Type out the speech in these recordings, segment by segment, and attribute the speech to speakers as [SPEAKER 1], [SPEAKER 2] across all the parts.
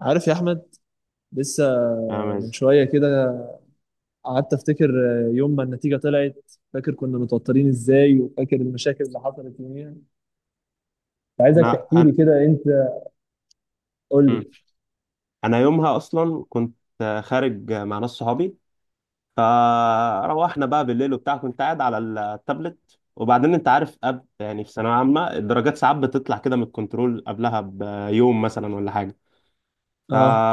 [SPEAKER 1] عارف يا احمد لسه.
[SPEAKER 2] فاهم
[SPEAKER 1] من
[SPEAKER 2] ازاي؟
[SPEAKER 1] شويه كده قعدت افتكر يوم ما النتيجه طلعت، فاكر كنا متوترين ازاي وفاكر المشاكل اللي حصلت يوميها. عايزك
[SPEAKER 2] انا
[SPEAKER 1] تحكي لي
[SPEAKER 2] انا
[SPEAKER 1] كده انت. قول
[SPEAKER 2] مم.
[SPEAKER 1] لي.
[SPEAKER 2] انا يومها اصلا كنت خارج مع ناس صحابي. فروحنا بقى بالليل وبتاع، كنت قاعد على التابلت. وبعدين انت عارف أب، يعني في ثانويه عامه الدرجات ساعات بتطلع كده من الكنترول قبلها بيوم مثلا ولا حاجه. ف...
[SPEAKER 1] اه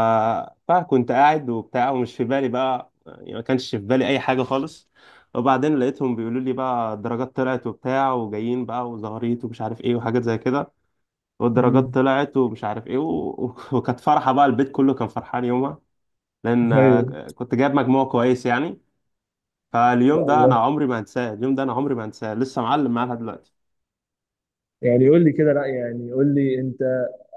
[SPEAKER 2] فكنت قاعد وبتاع ومش في بالي بقى، يعني ما كانش في بالي اي حاجه خالص. وبعدين لقيتهم بيقولوا لي بقى الدرجات طلعت وبتاع وجايين بقى وزهريت ومش عارف ايه وحاجات زي كده. والدرجات
[SPEAKER 1] امم
[SPEAKER 2] طلعت ومش عارف ايه وكانت فرحة بقى، البيت كله كان فرحان يومها. لان
[SPEAKER 1] ايوه ان
[SPEAKER 2] كنت جايب مجموع كويس يعني. فاليوم
[SPEAKER 1] شاء
[SPEAKER 2] ده انا
[SPEAKER 1] الله.
[SPEAKER 2] عمري ما هنساه، اليوم ده انا عمري ما هنساه، لسه معلم معايا لحد دلوقتي.
[SPEAKER 1] يعني قول لي كده، لا يعني قول لي انت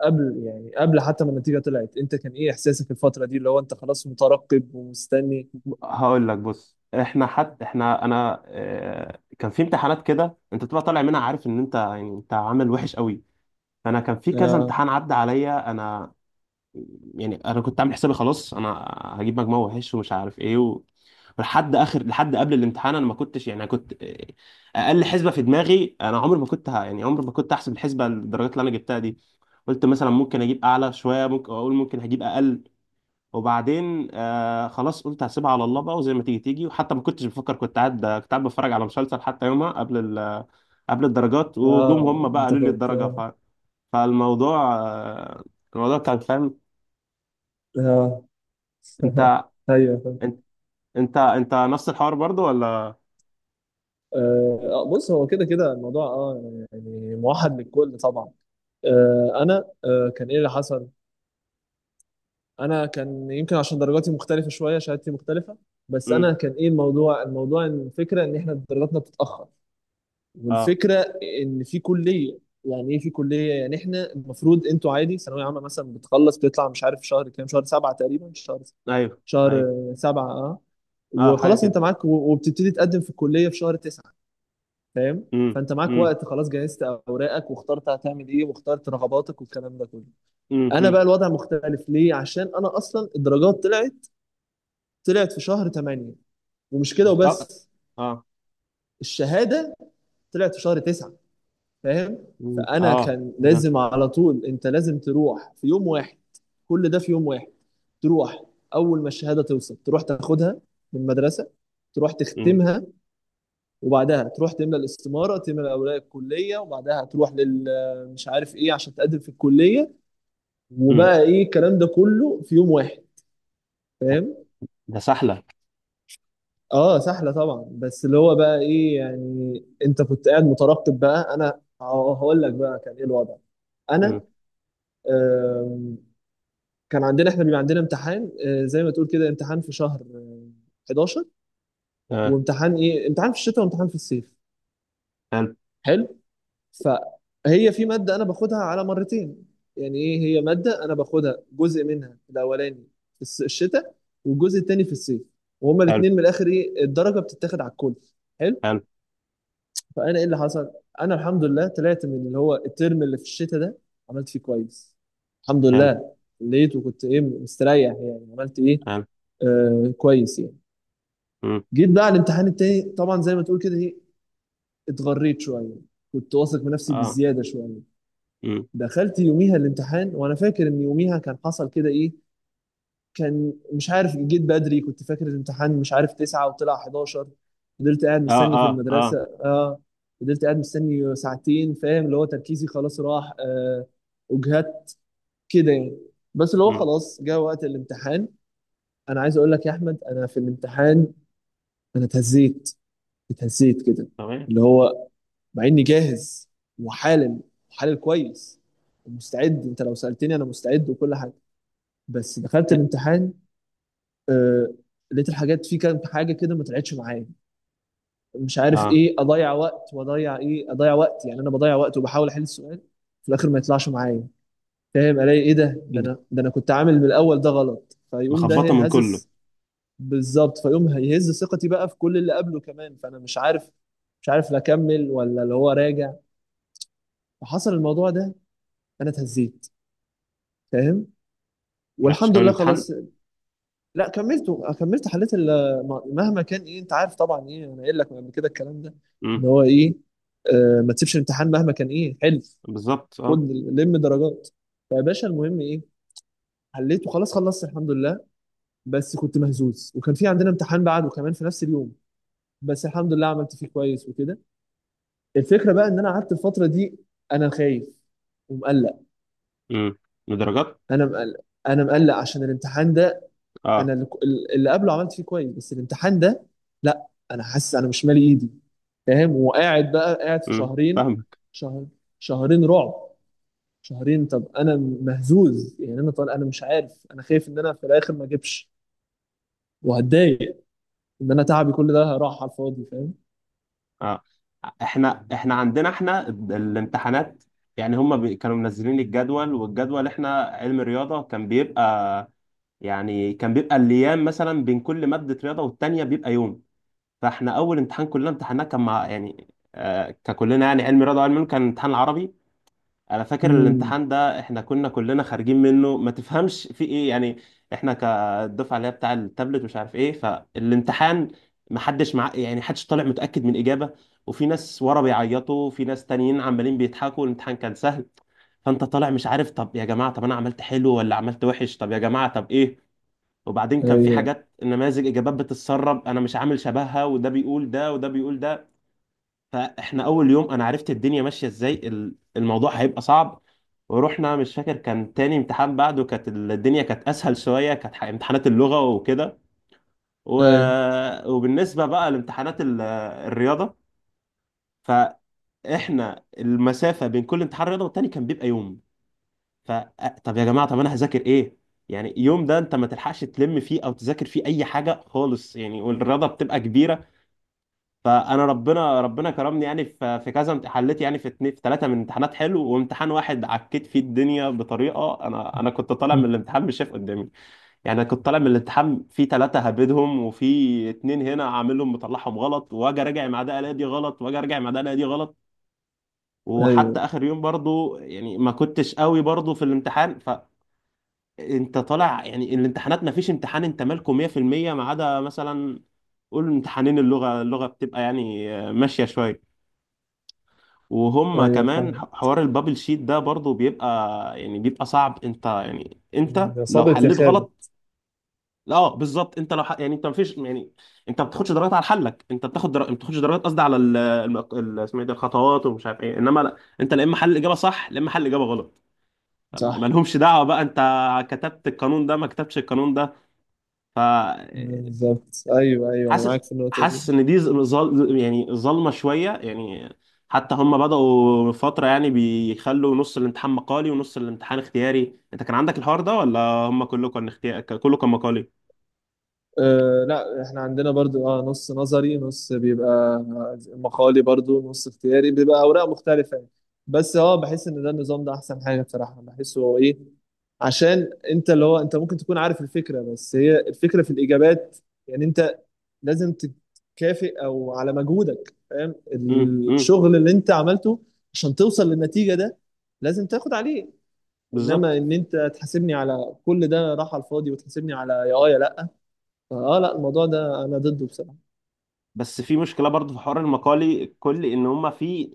[SPEAKER 1] قبل، يعني قبل حتى ما النتيجه طلعت انت كان ايه احساسك الفتره دي اللي هو انت خلاص مترقب ومستني؟
[SPEAKER 2] هقول لك، بص، احنا انا كان في امتحانات كده انت بتبقى طالع منها عارف ان انت يعني انت عامل وحش قوي. فانا كان في كذا
[SPEAKER 1] اه.
[SPEAKER 2] امتحان عدى عليا انا، يعني انا كنت عامل حسابي خلاص. انا هجيب مجموع وحش ومش عارف ايه ولحد اخر، لحد قبل الامتحان، انا ما كنتش، يعني انا كنت اقل حسبه في دماغي. انا عمري ما كنت يعني عمري ما كنت احسب الحسبه الدرجات اللي انا جبتها دي. قلت مثلا ممكن اجيب اعلى شويه، ممكن اقول ممكن هجيب اقل. وبعدين آه خلاص قلت هسيبها على الله بقى، وزي ما تيجي تيجي. وحتى ما كنتش بفكر، كنت قاعد بتفرج على مسلسل حتى يومها قبل قبل الدرجات. وجم
[SPEAKER 1] اه
[SPEAKER 2] هم بقى
[SPEAKER 1] انت
[SPEAKER 2] قالوا لي
[SPEAKER 1] كنت.
[SPEAKER 2] الدرجه. فالموضوع الموضوع كان فاهم.
[SPEAKER 1] اه.
[SPEAKER 2] انت،
[SPEAKER 1] ايوه.
[SPEAKER 2] انت، انت نفس الحوار برضو ولا؟
[SPEAKER 1] بص هو كده كده الموضوع اه، يعني موحد للكل طبعا. انا كان ايه اللي حصل؟ انا كان يمكن عشان درجاتي مختلفه شويه، شهادتي مختلفه. بس
[SPEAKER 2] امم.
[SPEAKER 1] انا كان ايه الموضوع، الموضوع إن الفكره ان احنا درجاتنا بتتاخر،
[SPEAKER 2] اه.
[SPEAKER 1] والفكره ان في كليه. يعني ايه في كليه؟ يعني احنا المفروض انتوا عادي ثانويه عامه مثلا بتخلص بتطلع مش عارف شهر كام، شهر سبعه تقريبا. شهر،
[SPEAKER 2] ايوه ايوه.
[SPEAKER 1] شهر سبعه اه.
[SPEAKER 2] اه، حاجه
[SPEAKER 1] وخلاص انت
[SPEAKER 2] كده.
[SPEAKER 1] معاك وبتبتدي تقدم في الكليه في شهر تسعه. فاهم؟
[SPEAKER 2] امم.
[SPEAKER 1] فانت معاك
[SPEAKER 2] امم.
[SPEAKER 1] وقت، خلاص جهزت اوراقك واخترت هتعمل ايه واخترت رغباتك والكلام ده كله.
[SPEAKER 2] امم.
[SPEAKER 1] انا بقى
[SPEAKER 2] امم.
[SPEAKER 1] الوضع مختلف ليه؟ عشان انا اصلا الدرجات طلعت، طلعت في شهر 8. ومش كده
[SPEAKER 2] اه.
[SPEAKER 1] وبس،
[SPEAKER 2] اه.
[SPEAKER 1] الشهاده طلعت في شهر 9. فاهم؟
[SPEAKER 2] مم.
[SPEAKER 1] فانا
[SPEAKER 2] اه
[SPEAKER 1] كان
[SPEAKER 2] كده.
[SPEAKER 1] لازم على طول، انت لازم تروح في يوم واحد، كل ده في يوم واحد. تروح اول ما الشهاده توصل تروح تاخدها من المدرسه، تروح
[SPEAKER 2] امم.
[SPEAKER 1] تختمها، وبعدها تروح تملى الاستماره، تملى اوراق الكليه، وبعدها تروح لل مش عارف ايه عشان تقدم في الكليه.
[SPEAKER 2] امم.
[SPEAKER 1] وبقى ايه الكلام ده كله في يوم واحد. فاهم؟
[SPEAKER 2] ده سهله.
[SPEAKER 1] اه سهله طبعا، بس اللي هو بقى ايه يعني انت كنت قاعد مترقب بقى. انا هقول لك بقى كان ايه الوضع. انا
[SPEAKER 2] امم.
[SPEAKER 1] آم، كان عندنا احنا بيبقى عندنا امتحان زي ما تقول كده امتحان في شهر 11.
[SPEAKER 2] اه.
[SPEAKER 1] وامتحان ايه؟ امتحان في الشتاء وامتحان في الصيف.
[SPEAKER 2] حلو.
[SPEAKER 1] حلو. فهي في مادة أنا باخدها على مرتين. يعني إيه؟ هي مادة أنا باخدها جزء منها الأولاني في الشتاء، والجزء التاني في الصيف، وهما
[SPEAKER 2] حلو.
[SPEAKER 1] الاتنين من الآخر إيه، الدرجة بتتاخد على الكل. حلو.
[SPEAKER 2] حلو.
[SPEAKER 1] فأنا إيه اللي حصل؟ أنا الحمد لله طلعت من اللي هو الترم اللي في الشتاء ده عملت فيه كويس الحمد
[SPEAKER 2] حلو.
[SPEAKER 1] لله. لقيت وكنت إيه، مستريح يعني، عملت إيه
[SPEAKER 2] حلو.
[SPEAKER 1] آه كويس يعني.
[SPEAKER 2] امم.
[SPEAKER 1] جيت بقى على الامتحان التاني طبعا زي ما تقول كده إيه، اتغريت شوية، كنت واثق من نفسي
[SPEAKER 2] اه.
[SPEAKER 1] بزيادة شوية.
[SPEAKER 2] امم.
[SPEAKER 1] دخلت يوميها الامتحان وانا فاكر ان يوميها كان حصل كده ايه، كان مش عارف جيت بدري، كنت فاكر الامتحان مش عارف 9 وطلع 11. فضلت قاعد
[SPEAKER 2] اه.
[SPEAKER 1] مستني في
[SPEAKER 2] اه.
[SPEAKER 1] المدرسة.
[SPEAKER 2] اه.
[SPEAKER 1] اه. فضلت قاعد مستني ساعتين، فاهم، اللي هو تركيزي خلاص راح آه، وجهت كده يعني. بس اللي هو
[SPEAKER 2] امم.
[SPEAKER 1] خلاص جه وقت الامتحان. انا عايز اقول لك يا احمد، انا في الامتحان انا اتهزيت، اتهزيت كده.
[SPEAKER 2] تمام.
[SPEAKER 1] اللي هو مع اني جاهز وحالم، حالل كويس ومستعد، انت لو سألتني انا مستعد وكل حاجة. بس دخلت الامتحان آه، لقيت الحاجات في كام حاجه كده ما طلعتش معايا، مش عارف
[SPEAKER 2] اه.
[SPEAKER 1] ايه، اضيع وقت واضيع ايه، اضيع وقت يعني، انا بضيع وقت وبحاول احل السؤال في الاخر ما يطلعش معايا. فاهم؟ الاقي ايه ده، ده انا كنت عامل من الاول ده غلط، فيقوم
[SPEAKER 2] مخبطه
[SPEAKER 1] ده
[SPEAKER 2] من كله.
[SPEAKER 1] هزس. بالظبط، فيقوم هيهز ثقتي بقى في كل اللي قبله كمان، فانا مش عارف لا اكمل ولا اللي هو راجع. فحصل الموضوع ده، انا اتهزيت. فاهم؟
[SPEAKER 2] ما عرفتش
[SPEAKER 1] والحمد
[SPEAKER 2] كمان
[SPEAKER 1] لله
[SPEAKER 2] الامتحان.
[SPEAKER 1] خلاص. لا كملته، كملت حليت مهما كان ايه، انت عارف طبعا ايه، انا قايل لك من قبل كده الكلام ده،
[SPEAKER 2] امم.
[SPEAKER 1] ان هو ايه، آه ما تسيبش الامتحان مهما كان ايه، حلف،
[SPEAKER 2] بالظبط
[SPEAKER 1] خد،
[SPEAKER 2] اه.
[SPEAKER 1] لم درجات. فيا باشا المهم ايه، حليته خلاص خلصت الحمد لله. بس كنت مهزوز، وكان في عندنا امتحان بعده كمان في نفس اليوم، بس الحمد لله عملت فيه كويس وكده. الفكره بقى ان انا قعدت الفتره دي انا خايف ومقلق.
[SPEAKER 2] امم. درجات.
[SPEAKER 1] انا مقلق انا مقلق عشان الامتحان ده. انا
[SPEAKER 2] اه.
[SPEAKER 1] اللي اللي قبله عملت فيه كويس، بس الامتحان ده لا، انا حاسس انا مش مالي ايدي. فاهم؟ وقاعد بقى قاعد في شهرين.
[SPEAKER 2] فاهم.
[SPEAKER 1] شهر شهرين رعب. شهرين، طب انا مهزوز يعني، انا طالع انا مش عارف، انا خايف ان انا في الاخر ما اجيبش وهتضايق ان انا تعبي كل ده راح على الفاضي. فاهم؟
[SPEAKER 2] اه. احنا عندنا احنا الامتحانات، يعني هم كانوا منزلين الجدول. والجدول احنا علم رياضة كان بيبقى، يعني كان بيبقى الايام مثلا بين كل مادة رياضة والتانية بيبقى يوم. فاحنا اول امتحان كلنا امتحناه كان مع يعني آه ككلنا يعني علم رياضة وعلم علوم، كان امتحان العربي. انا فاكر
[SPEAKER 1] امم.
[SPEAKER 2] الامتحان ده احنا كنا كلنا خارجين منه ما تفهمش في ايه يعني. احنا كالدفعه اللي هي بتاع التابلت مش عارف ايه. فالامتحان ما حدش مع، يعني حدش طالع متاكد من اجابه. وفي ناس ورا بيعيطوا وفي ناس تانيين عمالين بيضحكوا، الامتحان كان سهل. فانت طالع مش عارف، طب يا جماعه طب انا عملت حلو ولا عملت وحش، طب يا جماعه طب ايه. وبعدين كان في
[SPEAKER 1] ايوه
[SPEAKER 2] حاجات نماذج اجابات بتتسرب انا مش عامل شبهها، وده بيقول ده وده بيقول ده. فاحنا اول يوم انا عرفت الدنيا ماشيه ازاي، الموضوع هيبقى صعب. ورحنا، مش فاكر، كان تاني امتحان بعده كانت الدنيا كانت اسهل شويه، كانت امتحانات اللغه وكده. و...
[SPEAKER 1] ايوه
[SPEAKER 2] وبالنسبه بقى لامتحانات الرياضه، فاحنا المسافه بين كل امتحان رياضه والتاني كان بيبقى يوم. ف طب يا جماعه، طب انا هذاكر ايه؟ يعني يوم ده انت ما تلحقش تلم فيه او تذاكر فيه اي حاجه خالص يعني، والرياضه بتبقى كبيره. فانا ربنا كرمني يعني، في كذا حليت يعني، في اتنين في ثلاثه من امتحانات حلو، وامتحان واحد عكيت فيه الدنيا بطريقه، انا كنت طالع من الامتحان مش شايف قدامي. يعني انا كنت طالع من الامتحان في ثلاثه هبدهم، وفي اتنين هنا عاملهم مطلعهم غلط، واجي راجع مع ده الاقي دي غلط، واجي راجع مع ده الاقي دي غلط.
[SPEAKER 1] ايوه
[SPEAKER 2] وحتى اخر يوم برضو يعني ما كنتش قوي برضو في الامتحان. فانت طالع يعني الامتحانات ما فيش امتحان انت مالكه 100%، ما عدا مثلا قول امتحانين اللغه. اللغه بتبقى يعني ماشيه شويه. وهم
[SPEAKER 1] ايوه
[SPEAKER 2] كمان
[SPEAKER 1] فاهم.
[SPEAKER 2] حوار البابل شيت ده برضو بيبقى، يعني بيبقى صعب. انت يعني انت
[SPEAKER 1] إن
[SPEAKER 2] لو
[SPEAKER 1] صابت يا
[SPEAKER 2] حليت غلط،
[SPEAKER 1] خابت.
[SPEAKER 2] لا اه بالظبط. انت لو يعني انت مفيش يعني، انت ما بتاخدش درجات على حلك. انت بتاخد ما بتاخدش درجات، قصدي على اسمه ايه ده، الخطوات ومش عارف ايه، انما لا، انت لا اما حل الاجابه صح لا اما حل الاجابه غلط.
[SPEAKER 1] صح.
[SPEAKER 2] مالهمش دعوه بقى انت كتبت القانون ده ما كتبتش القانون ده. ف
[SPEAKER 1] بالظبط ايوه، ايوه انا
[SPEAKER 2] حاسس،
[SPEAKER 1] معاك في النقطه دي.
[SPEAKER 2] حاسس ان دي يعني ظلمه شويه يعني. حتى هم بدأوا فتره يعني بيخلوا نص الامتحان مقالي ونص الامتحان اختياري. انت كان عندك الحوار ده ولا هم كله كان اختياري كله كان مقالي؟
[SPEAKER 1] أه لا احنا عندنا برضو اه، نص نظري نص بيبقى مقالي، برضو نص اختياري بيبقى اوراق مختلفة يعني. بس اه بحس ان ده النظام ده احسن حاجة بصراحة، بحسه هو ايه، عشان انت اللي هو انت ممكن تكون عارف الفكرة، بس هي الفكرة في الاجابات. يعني انت لازم تكافئ او على مجهودك، فاهم،
[SPEAKER 2] امم. امم.
[SPEAKER 1] الشغل اللي انت عملته عشان توصل للنتيجة ده لازم تاخد عليه. انما
[SPEAKER 2] بالظبط.
[SPEAKER 1] ان انت تحاسبني على كل ده راح على الفاضي وتحاسبني على يا اه يا لا، اه لا الموضوع ده انا ضده بصراحه.
[SPEAKER 2] بس في مشكله برضه في حوار المقالي، كل ان هم في،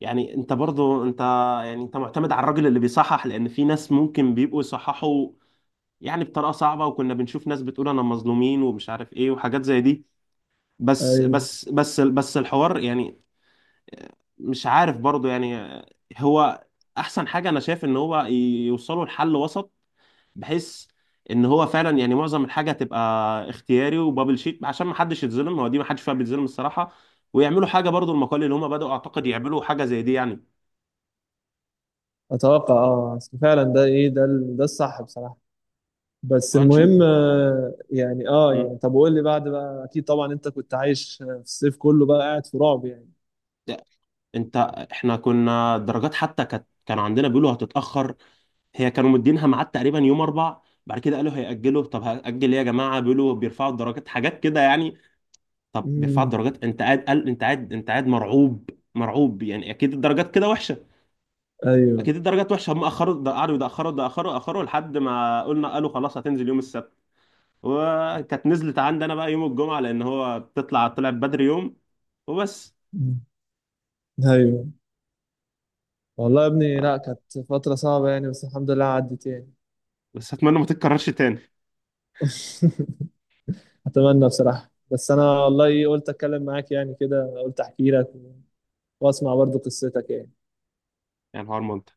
[SPEAKER 2] يعني انت برضه انت، يعني انت معتمد على الراجل اللي بيصحح، لان في ناس ممكن بيبقوا يصححوا يعني بطريقه صعبه. وكنا بنشوف ناس بتقول انا مظلومين ومش عارف ايه وحاجات زي دي. بس
[SPEAKER 1] ايوه.
[SPEAKER 2] بس بس بس الحوار يعني مش عارف برضو يعني. هو احسن حاجة انا شايف ان هو يوصلوا لحل وسط، بحيث ان هو فعلا يعني معظم الحاجة تبقى اختياري وبابل شيت، عشان ما حدش يتظلم. هو دي ما حدش فيها بيتظلم الصراحة. ويعملوا حاجة برضو المقال اللي هم بدأوا اعتقد يعملوا حاجة زي دي يعني.
[SPEAKER 1] اتوقع اه، أصل فعلا ده ايه ده، ده الصح بصراحه. بس
[SPEAKER 2] وهنشوف.
[SPEAKER 1] المهم يعني اه
[SPEAKER 2] مم.
[SPEAKER 1] يعني، طب وقول لي بعد بقى، اكيد طبعا انت كنت عايش في الصيف كله بقى قاعد في رعب يعني.
[SPEAKER 2] ده- انت، احنا كنا الدرجات حتى كانت، كانوا عندنا بيقولوا هتتأخر. هي كانوا مدينها ميعاد تقريبا يوم اربع. بعد كده قالوا هيأجلوا. طب هأجل ايه يا جماعه؟ بيقولوا بيرفعوا الدرجات، حاجات كده يعني. طب بيرفعوا
[SPEAKER 1] امم.
[SPEAKER 2] الدرجات، انت قاعد، قال انت قاعد، انت قاعد مرعوب، مرعوب، يعني اكيد الدرجات كده وحشه،
[SPEAKER 1] ايوه.
[SPEAKER 2] اكيد الدرجات وحشه. هم اخروا، ده قعدوا يتاخروا يتاخروا اخروا لحد ما قلنا، قالوا خلاص هتنزل يوم السبت. وكانت نزلت عندي انا بقى يوم الجمعه، لان هو بتطلع، طلعت بدري يوم. وبس.
[SPEAKER 1] مم. ايوه. والله يا ابني لا كانت فتره صعبه يعني، بس الحمد لله عدت يعني.
[SPEAKER 2] بس اتمنى ما تتكررش تاني.
[SPEAKER 1] اتمنى بصراحه. بس انا والله قلت اتكلم معاك يعني كده، قلت احكي لك واسمع برضو قصتك يعني.
[SPEAKER 2] يعني حوار ممتع.